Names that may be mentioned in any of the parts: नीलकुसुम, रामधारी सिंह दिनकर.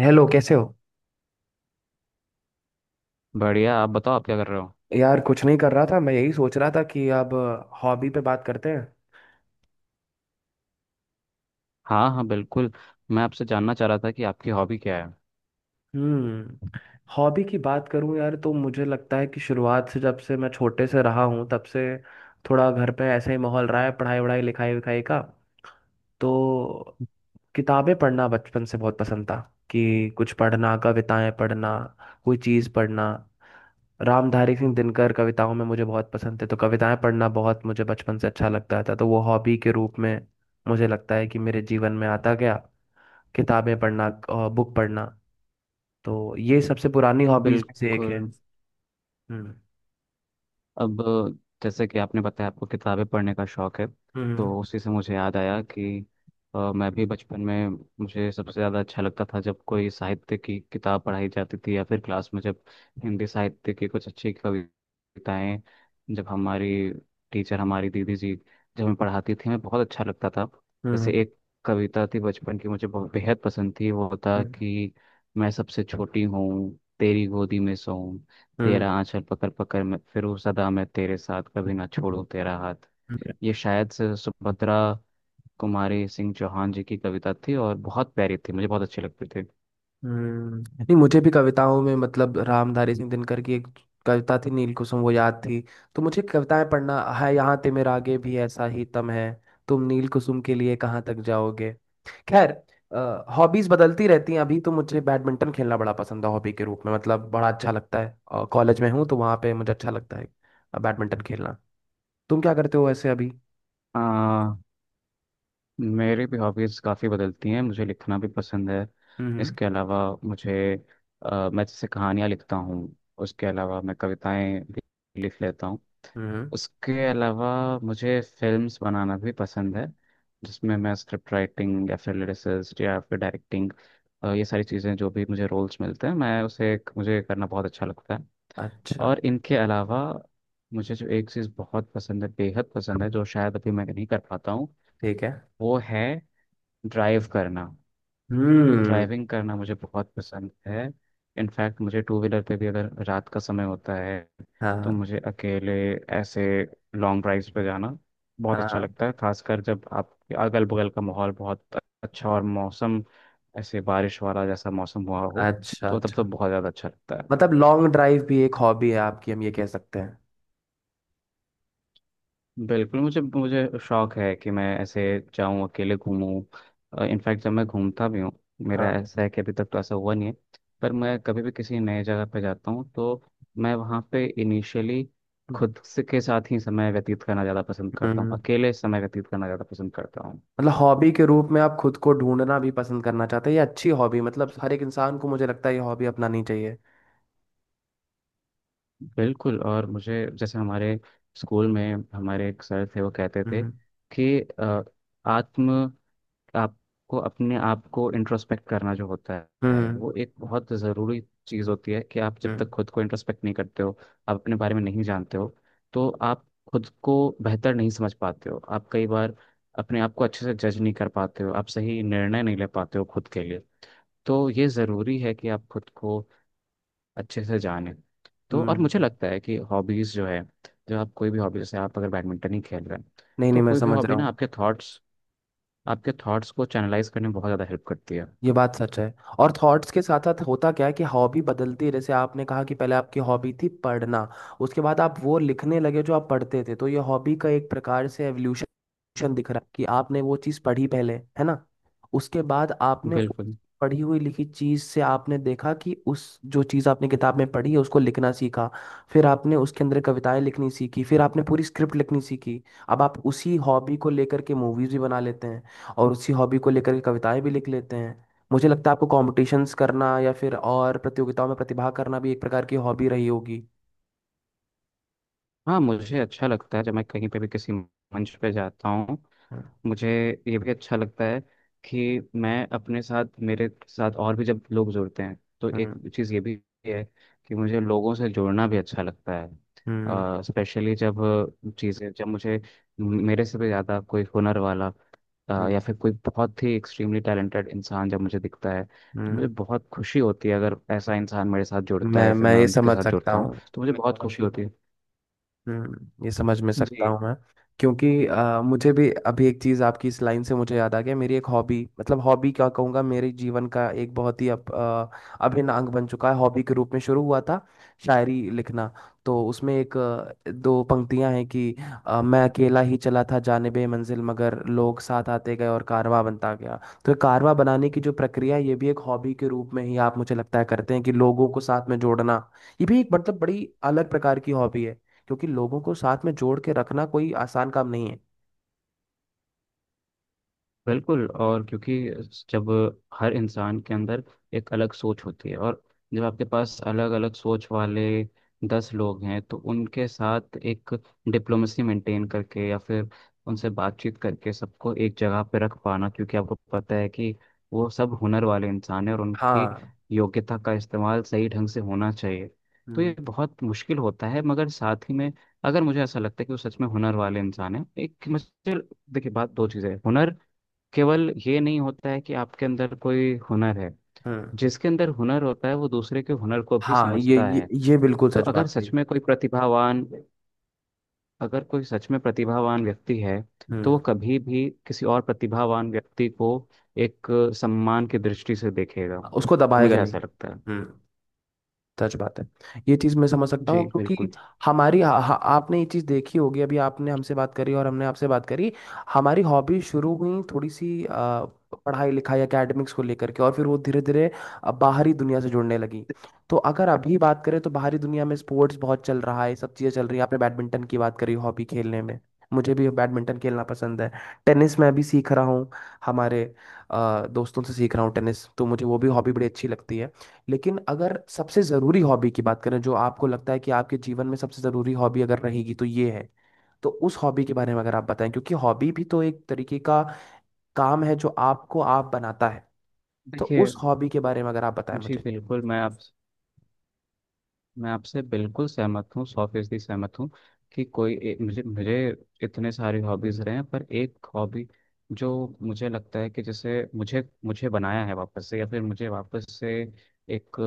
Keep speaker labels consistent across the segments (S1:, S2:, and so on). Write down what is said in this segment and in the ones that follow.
S1: Hello, कैसे हो।
S2: बढ़िया। आप बताओ आप क्या कर रहे हो।
S1: यार कुछ नहीं कर रहा था, मैं यही सोच रहा था कि अब हॉबी पे बात करते हैं।
S2: हाँ हाँ बिल्कुल। मैं आपसे जानना चाह रहा था कि आपकी हॉबी क्या है।
S1: हम्म हॉबी की बात करूं यार, तो मुझे लगता है कि शुरुआत से जब से मैं छोटे से रहा हूं तब से थोड़ा घर पे ऐसा ही माहौल रहा है पढ़ाई वढ़ाई लिखाई विखाई का। तो किताबें पढ़ना बचपन से बहुत पसंद था। कि कुछ पढ़ना, कविताएं पढ़ना, कोई चीज़ पढ़ना। रामधारी सिंह दिनकर कविताओं में मुझे बहुत पसंद थे, तो कविताएं पढ़ना बहुत मुझे बचपन से अच्छा लगता था। तो वो हॉबी के रूप में मुझे लगता है कि मेरे जीवन में आता गया। किताबें पढ़ना, बुक पढ़ना। तो ये सबसे पुरानी हॉबीज में से एक
S2: बिल्कुल।
S1: है। हम्म
S2: अब जैसे कि आपने बताया आपको किताबें पढ़ने का शौक है,
S1: हम्म।
S2: तो उसी से मुझे याद आया कि मैं भी बचपन में मुझे सबसे ज़्यादा अच्छा लगता था जब कोई साहित्य की किताब पढ़ाई जाती थी, या फिर क्लास में जब हिंदी साहित्य की कुछ अच्छी कविताएं, जब हमारी टीचर हमारी दीदी जी जब हमें पढ़ाती थी, हमें बहुत अच्छा लगता था। जैसे
S1: हम्म।
S2: एक कविता थी बचपन की मुझे बहुत बेहद पसंद थी, वो था
S1: हम्म।
S2: कि मैं सबसे छोटी हूँ, तेरी गोदी में सोऊं,
S1: हम्म।
S2: तेरा आंचल पकड़ पकड़ मैं फिर हूँ, सदा मैं तेरे साथ, कभी ना छोड़ू तेरा हाथ।
S1: हम्म।
S2: ये शायद से सुभद्रा कुमारी सिंह चौहान जी की कविता थी और बहुत प्यारी थी, मुझे बहुत अच्छी लगती थी।
S1: हम्म। नहीं, मुझे भी कविताओं में मतलब रामधारी सिंह दिनकर की एक कविता थी नीलकुसुम, वो याद थी। तो मुझे कविताएं पढ़ना है यहाँ ते मेरा आगे भी ऐसा ही तम है। तुम नीलकुसुम के लिए कहाँ तक जाओगे। खैर, हॉबीज बदलती रहती हैं। अभी तो मुझे बैडमिंटन खेलना बड़ा पसंद है हॉबी के रूप में, मतलब बड़ा अच्छा लगता है, और कॉलेज में हूँ तो वहाँ पे मुझे अच्छा लगता है बैडमिंटन खेलना। तुम क्या करते हो वैसे अभी।
S2: आ, मेरी भी हॉबीज़ काफ़ी बदलती हैं। मुझे लिखना भी पसंद है।
S1: हम्म।
S2: इसके अलावा मुझे मैं जैसे कहानियाँ लिखता हूँ। उसके अलावा मैं कविताएं भी लिख लेता हूँ।
S1: हम्म।
S2: उसके अलावा मुझे फिल्म्स बनाना भी पसंद है, जिसमें मैं स्क्रिप्ट राइटिंग या फिर लिरिसिस्ट या फिर डायरेक्टिंग, ये सारी चीज़ें जो भी मुझे रोल्स मिलते हैं मैं उसे मुझे करना बहुत अच्छा लगता है।
S1: अच्छा।
S2: और इनके अलावा मुझे जो एक चीज़ बहुत पसंद है, बेहद पसंद है, जो शायद अभी मैं नहीं कर पाता हूँ,
S1: ठीक है।
S2: वो है ड्राइव करना।
S1: हम्म।
S2: ड्राइविंग करना मुझे बहुत पसंद है। इनफैक्ट मुझे टू व्हीलर पे भी अगर रात का समय होता है, तो
S1: हाँ।
S2: मुझे अकेले ऐसे लॉन्ग ड्राइव्स पे जाना बहुत
S1: हाँ,
S2: अच्छा
S1: हाँ,
S2: लगता है, खासकर जब आपके अगल बगल का माहौल बहुत अच्छा और मौसम ऐसे बारिश वाला जैसा मौसम हुआ हो,
S1: अच्छा
S2: तो तब तो
S1: अच्छा।
S2: बहुत ज़्यादा अच्छा लगता है।
S1: मतलब लॉन्ग ड्राइव भी एक हॉबी है आपकी, हम ये कह सकते हैं।
S2: बिल्कुल। मुझे मुझे शौक है कि मैं ऐसे जाऊं, अकेले घूमूं। इनफैक्ट जब मैं घूमता भी हूँ, मेरा
S1: हाँ।
S2: ऐसा है कि अभी तक तो ऐसा हुआ नहीं है, पर मैं कभी भी किसी नए जगह पर जाता हूँ, तो मैं वहाँ पे इनिशियली खुद से के साथ ही समय व्यतीत करना ज़्यादा पसंद करता हूँ,
S1: हम्म।
S2: अकेले समय व्यतीत करना ज़्यादा पसंद करता हूँ।
S1: मतलब हॉबी के रूप में आप खुद को ढूंढना भी पसंद करना चाहते हैं, ये अच्छी हॉबी, मतलब हर एक इंसान को मुझे लगता है ये हॉबी अपनानी चाहिए।
S2: बिल्कुल। और मुझे जैसे हमारे स्कूल में हमारे एक सर थे, वो कहते थे
S1: हम्म।
S2: कि आत्म आपको अपने आप को इंट्रोस्पेक्ट करना जो होता है
S1: हम्म।
S2: वो एक बहुत ज़रूरी चीज़ होती है। कि आप
S1: हम्म।
S2: जब
S1: हम्म।
S2: तक खुद को इंट्रोस्पेक्ट नहीं करते हो, आप अपने बारे में नहीं जानते हो, तो आप खुद को बेहतर नहीं समझ पाते हो। आप कई बार अपने आप को अच्छे से जज नहीं कर पाते हो, आप सही निर्णय नहीं ले पाते हो खुद के लिए। तो ये ज़रूरी है कि आप खुद को अच्छे से जानें। तो
S1: हम्म।
S2: और
S1: हम्म।
S2: मुझे
S1: हम्म।
S2: लगता है कि हॉबीज़ जो है, जो आप कोई भी हॉबी, जैसे आप अगर बैडमिंटन ही खेल रहे हैं,
S1: नहीं नहीं,
S2: तो
S1: मैं
S2: कोई भी
S1: समझ
S2: हॉबी
S1: रहा
S2: ना
S1: हूँ।
S2: आपके थॉट्स को चैनलाइज करने में बहुत ज़्यादा हेल्प करती है।
S1: ये बात सच है। और थॉट्स के साथ साथ होता क्या है कि हॉबी बदलती है। जैसे आपने कहा कि पहले आपकी हॉबी थी पढ़ना, उसके बाद आप वो लिखने लगे जो आप पढ़ते थे। तो ये हॉबी का एक प्रकार से एवोल्यूशन दिख रहा है कि आपने वो चीज़ पढ़ी पहले, है ना। उसके बाद आपने उस
S2: बिल्कुल।
S1: पढ़ी हुई लिखी चीज़ से आपने देखा कि उस जो चीज़ आपने किताब में पढ़ी है उसको लिखना सीखा। फिर आपने उसके अंदर कविताएं लिखनी सीखी, फिर आपने पूरी स्क्रिप्ट लिखनी सीखी। अब आप उसी हॉबी को लेकर के मूवीज़ भी बना लेते हैं, और उसी हॉबी को लेकर के कविताएं भी लिख लेते हैं। मुझे लगता है आपको कॉम्पिटिशन्स करना या फिर और प्रतियोगिताओं में प्रतिभाग करना भी एक प्रकार की हॉबी रही होगी।
S2: हाँ मुझे अच्छा लगता है जब मैं कहीं पे भी किसी मंच पे जाता हूँ।
S1: हम्म।
S2: मुझे ये भी अच्छा लगता है कि मैं अपने साथ मेरे साथ और भी जब लोग जुड़ते हैं, तो एक
S1: हम्म।
S2: चीज़ ये भी है कि मुझे लोगों से जुड़ना भी अच्छा लगता है।
S1: हम्म।
S2: स्पेशली जब चीज़ें जब मुझे मेरे से भी ज़्यादा कोई हुनर वाला या
S1: हम्म।
S2: फिर कोई बहुत ही एक्सट्रीमली टैलेंटेड इंसान जब मुझे दिखता है, तो मुझे
S1: हम्म।
S2: बहुत खुशी होती है। अगर ऐसा इंसान मेरे साथ जुड़ता
S1: मैं
S2: है फिर
S1: मैं
S2: मैं
S1: ये
S2: उनके
S1: समझ
S2: साथ
S1: सकता
S2: जुड़ता हूँ,
S1: हूँ।
S2: तो मुझे बहुत खुशी होती है।
S1: हम्म। ये समझ में सकता
S2: जी
S1: हूँ मैं। क्योंकि मुझे भी अभी एक चीज़ आपकी इस लाइन से मुझे याद आ गया। मेरी एक हॉबी, मतलब हॉबी क्या कहूँगा, मेरे जीवन का एक बहुत ही अब अभिन्न अंग बन चुका है हॉबी के रूप में, शुरू हुआ था शायरी लिखना। तो उसमें एक दो पंक्तियाँ हैं कि मैं अकेला ही चला था जानिबे मंजिल, मगर लोग साथ आते गए और कारवां बनता गया। तो ये कारवां बनाने की जो प्रक्रिया है, ये भी एक हॉबी के रूप में ही आप मुझे लगता है करते हैं कि लोगों को साथ में जोड़ना, ये भी एक मतलब बड़ी अलग प्रकार की हॉबी है। क्योंकि लोगों को साथ में जोड़ के रखना कोई आसान काम नहीं है।
S2: बिल्कुल। और क्योंकि जब हर इंसान के अंदर एक अलग सोच होती है, और जब आपके पास अलग अलग सोच वाले दस लोग हैं, तो उनके साथ एक डिप्लोमेसी मेंटेन करके, या फिर उनसे बातचीत करके सबको एक जगह पे रख पाना, क्योंकि आपको पता है कि वो सब हुनर वाले इंसान हैं और उनकी
S1: हाँ।
S2: योग्यता का इस्तेमाल सही ढंग से होना चाहिए, तो
S1: हम्म।
S2: ये बहुत मुश्किल होता है। मगर साथ ही में अगर मुझे ऐसा लगता है कि वो सच में हुनर वाले इंसान है, एक मुझे देखिए बात दो चीज़ें हैं। हुनर केवल ये नहीं होता है कि आपके अंदर कोई हुनर है।
S1: हम्म।
S2: जिसके अंदर हुनर होता है वो दूसरे के हुनर को भी
S1: हाँ, ये
S2: समझता
S1: ये
S2: है।
S1: ये बिल्कुल
S2: तो
S1: सच
S2: अगर
S1: बात है।
S2: सच में कोई प्रतिभावान अगर कोई सच में प्रतिभावान व्यक्ति है, तो वो
S1: हम्म।
S2: कभी भी किसी और प्रतिभावान व्यक्ति को एक सम्मान की दृष्टि से देखेगा।
S1: उसको दबाएगा
S2: मुझे
S1: नहीं।
S2: ऐसा लगता है।
S1: हम्म। सच बात है। ये चीज मैं समझ सकता हूँ,
S2: जी
S1: क्योंकि
S2: बिल्कुल।
S1: हमारी हा, हा, आपने ये चीज देखी होगी। अभी आपने हमसे बात करी और हमने आपसे बात करी। हमारी हॉबी शुरू हुई थोड़ी सी पढ़ाई लिखाई एकेडमिक्स को लेकर के, और फिर वो धीरे धीरे बाहरी दुनिया से जुड़ने लगी। तो अगर अभी बात करें तो बाहरी दुनिया में स्पोर्ट्स बहुत चल रहा है, ये सब चीज़ें चल रही है। आपने बैडमिंटन की बात करी हॉबी खेलने में, मुझे भी बैडमिंटन खेलना पसंद है। टेनिस मैं भी सीख रहा हूँ, हमारे दोस्तों से सीख रहा हूँ टेनिस। तो मुझे वो भी हॉबी बड़ी अच्छी लगती है। लेकिन अगर सबसे जरूरी हॉबी की बात करें, जो आपको लगता है कि आपके जीवन में सबसे जरूरी हॉबी अगर रहेगी तो ये है, तो उस हॉबी के बारे में अगर आप बताएं, क्योंकि हॉबी भी तो एक तरीके का काम है जो आपको आप बनाता है। तो
S2: देखिए,
S1: उस हॉबी के बारे में अगर आप बताएं
S2: जी
S1: मुझे।
S2: बिल्कुल मैं आपसे बिल्कुल सहमत हूँ, सौ फीसदी सहमत हूँ। कि मुझे मुझे इतने सारे हॉबीज रहे हैं, पर एक हॉबी जो मुझे लगता है कि जैसे मुझे मुझे बनाया है वापस से, या फिर मुझे वापस से एक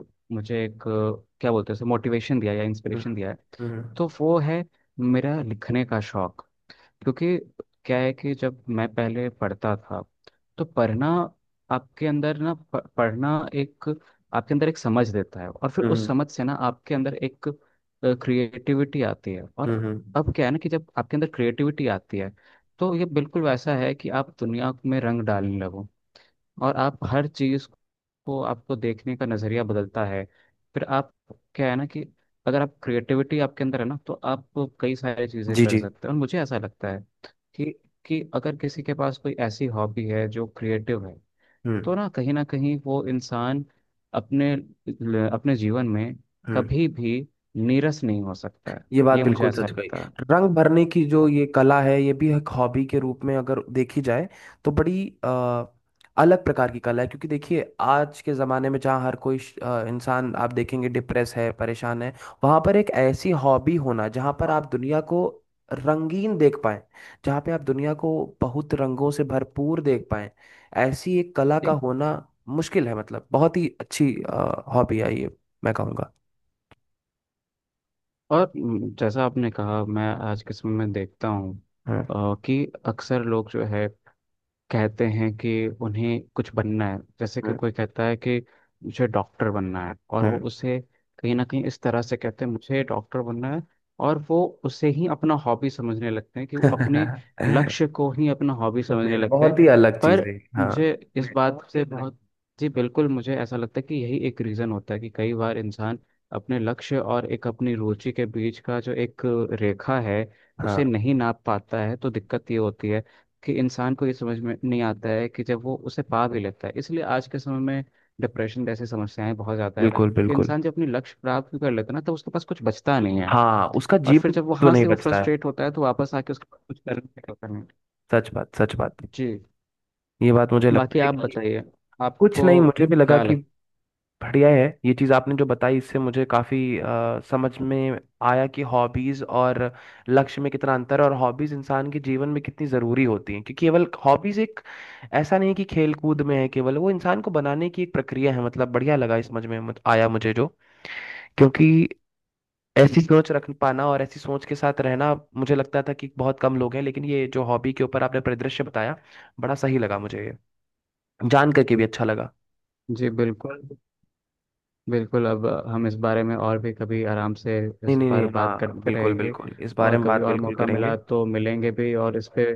S2: अ, मुझे एक क्या बोलते हैं, मोटिवेशन दिया या
S1: हम्म।
S2: इंस्पिरेशन दिया है,
S1: हम्म।
S2: तो वो है मेरा लिखने का शौक। क्योंकि क्या है कि जब मैं पहले पढ़ता था, तो पढ़ना आपके अंदर ना पढ़ना एक आपके अंदर एक समझ देता है, और फिर उस
S1: हम्म।
S2: समझ से ना आपके अंदर एक क्रिएटिविटी आती है। और
S1: हम्म। हम्म।
S2: अब क्या है ना कि जब आपके अंदर क्रिएटिविटी आती है, तो ये बिल्कुल वैसा है कि आप दुनिया में रंग डालने लगो, और आप हर चीज को आपको देखने का नजरिया बदलता है। फिर आप क्या है ना कि अगर आप क्रिएटिविटी आपके अंदर है ना, तो आप कई सारी चीजें
S1: जी
S2: कर
S1: जी।
S2: सकते हैं। और मुझे ऐसा लगता है कि कि अगर किसी के पास कोई ऐसी हॉबी है जो क्रिएटिव है,
S1: हम्म।
S2: तो ना कहीं वो इंसान अपने अपने जीवन में
S1: हम्म।
S2: कभी भी नीरस नहीं हो सकता है।
S1: ये बात
S2: ये मुझे
S1: बिल्कुल
S2: ऐसा
S1: सच कही।
S2: लगता है।
S1: रंग भरने की जो ये कला है, ये भी एक हॉबी के रूप में अगर देखी जाए तो बड़ी अलग प्रकार की कला है। क्योंकि देखिए आज के ज़माने में जहाँ हर कोई इंसान आप देखेंगे डिप्रेस है, परेशान है, वहाँ पर एक ऐसी हॉबी होना जहाँ पर आप दुनिया को रंगीन देख पाएं, जहाँ पे आप दुनिया को बहुत रंगों से भरपूर देख पाएं, ऐसी एक कला का
S2: ठीक।
S1: होना मुश्किल है। मतलब बहुत ही अच्छी हॉबी है ये, मैं कहूँगा।
S2: और जैसा आपने कहा, मैं आज के समय में देखता हूँ
S1: हम्म।
S2: कि अक्सर लोग जो है कहते हैं कि उन्हें कुछ बनना है। जैसे कि
S1: हम्म।
S2: कोई कहता है कि मुझे डॉक्टर बनना है, और वो
S1: हम्म।
S2: उसे कहीं ना कहीं इस तरह से कहते हैं, मुझे डॉक्टर बनना है, और वो उसे ही अपना हॉबी समझने लगते हैं, कि वो अपने
S1: नहीं,
S2: लक्ष्य को ही अपना हॉबी समझने लगते
S1: बहुत
S2: हैं।
S1: ही अलग चीज
S2: पर
S1: है। हाँ।
S2: मुझे इस बात से बहुत जी बिल्कुल। मुझे ऐसा लगता है कि यही एक रीज़न होता है कि कई बार इंसान अपने लक्ष्य और एक अपनी रुचि के बीच का जो एक रेखा है, उसे
S1: हाँ,
S2: नहीं नाप पाता है। तो दिक्कत ये होती है कि इंसान को ये समझ में नहीं आता है कि जब वो उसे पा भी लेता है, इसलिए आज के समय में डिप्रेशन जैसी समस्याएं बहुत ज़्यादा है।
S1: बिल्कुल
S2: कि
S1: बिल्कुल।
S2: इंसान जब अपने लक्ष्य प्राप्त भी कर लेता है ना, तो उसके पास कुछ बचता नहीं है।
S1: हाँ, उसका
S2: और फिर
S1: जीवन
S2: जब
S1: तो
S2: वहां
S1: नहीं
S2: से वो
S1: बचता है।
S2: फ्रस्ट्रेट होता है, तो वापस आके उसके पास कुछ करने का होता नहीं।
S1: सच बात, सच बात।
S2: जी।
S1: ये बात मुझे लगता
S2: बाकी
S1: है
S2: आप अच्छा
S1: कि
S2: बताइए,
S1: कुछ
S2: आपको
S1: नहीं, मुझे भी लगा
S2: क्या
S1: कि
S2: लग
S1: बढ़िया है। ये चीज़ आपने जो बताई इससे मुझे काफ़ी समझ में आया कि हॉबीज़ और लक्ष्य में कितना अंतर है, और हॉबीज़ इंसान के जीवन में कितनी ज़रूरी होती हैं। क्योंकि केवल हॉबीज़ एक ऐसा नहीं है कि खेल कूद में है केवल, वो इंसान को बनाने की एक प्रक्रिया है। मतलब बढ़िया लगा इस समझ में आया मुझे जो। क्योंकि ऐसी सोच रख पाना और ऐसी सोच के साथ रहना मुझे लगता था कि बहुत कम लोग हैं, लेकिन ये जो हॉबी के ऊपर आपने परिदृश्य बताया बड़ा सही लगा मुझे, ये जान करके भी अच्छा लगा।
S2: जी बिल्कुल। बिल्कुल अब हम इस बारे में और भी कभी आराम से
S1: नहीं
S2: इस
S1: नहीं
S2: पर
S1: नहीं,
S2: बात
S1: हाँ
S2: करते
S1: बिल्कुल
S2: रहेंगे।
S1: बिल्कुल, इस बारे
S2: और
S1: में
S2: कभी
S1: बात
S2: और
S1: बिल्कुल
S2: मौका मिला
S1: करेंगे।
S2: तो मिलेंगे भी, और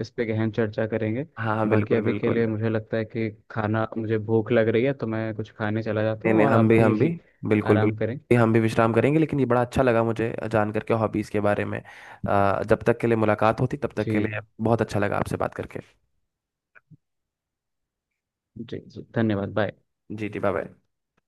S2: इस पे गहन चर्चा करेंगे।
S1: हाँ हाँ,
S2: बाकी
S1: बिल्कुल
S2: अभी के
S1: बिल्कुल।
S2: लिए, मुझे लगता है कि खाना, मुझे भूख लग रही है, तो मैं कुछ खाने चला जाता
S1: नहीं
S2: हूँ
S1: नहीं,
S2: और
S1: हम
S2: आप
S1: भी हम भी
S2: भी
S1: बिल्कुल
S2: आराम करें।
S1: बिल्कुल, हम भी विश्राम करेंगे। लेकिन ये बड़ा अच्छा लगा मुझे जान करके हॉबीज़ के बारे में। जब तक के लिए मुलाकात होती तब तक के
S2: जी।
S1: लिए बहुत अच्छा लगा आपसे बात करके।
S2: जी धन्यवाद। बाय।
S1: जी जी बाय बाय।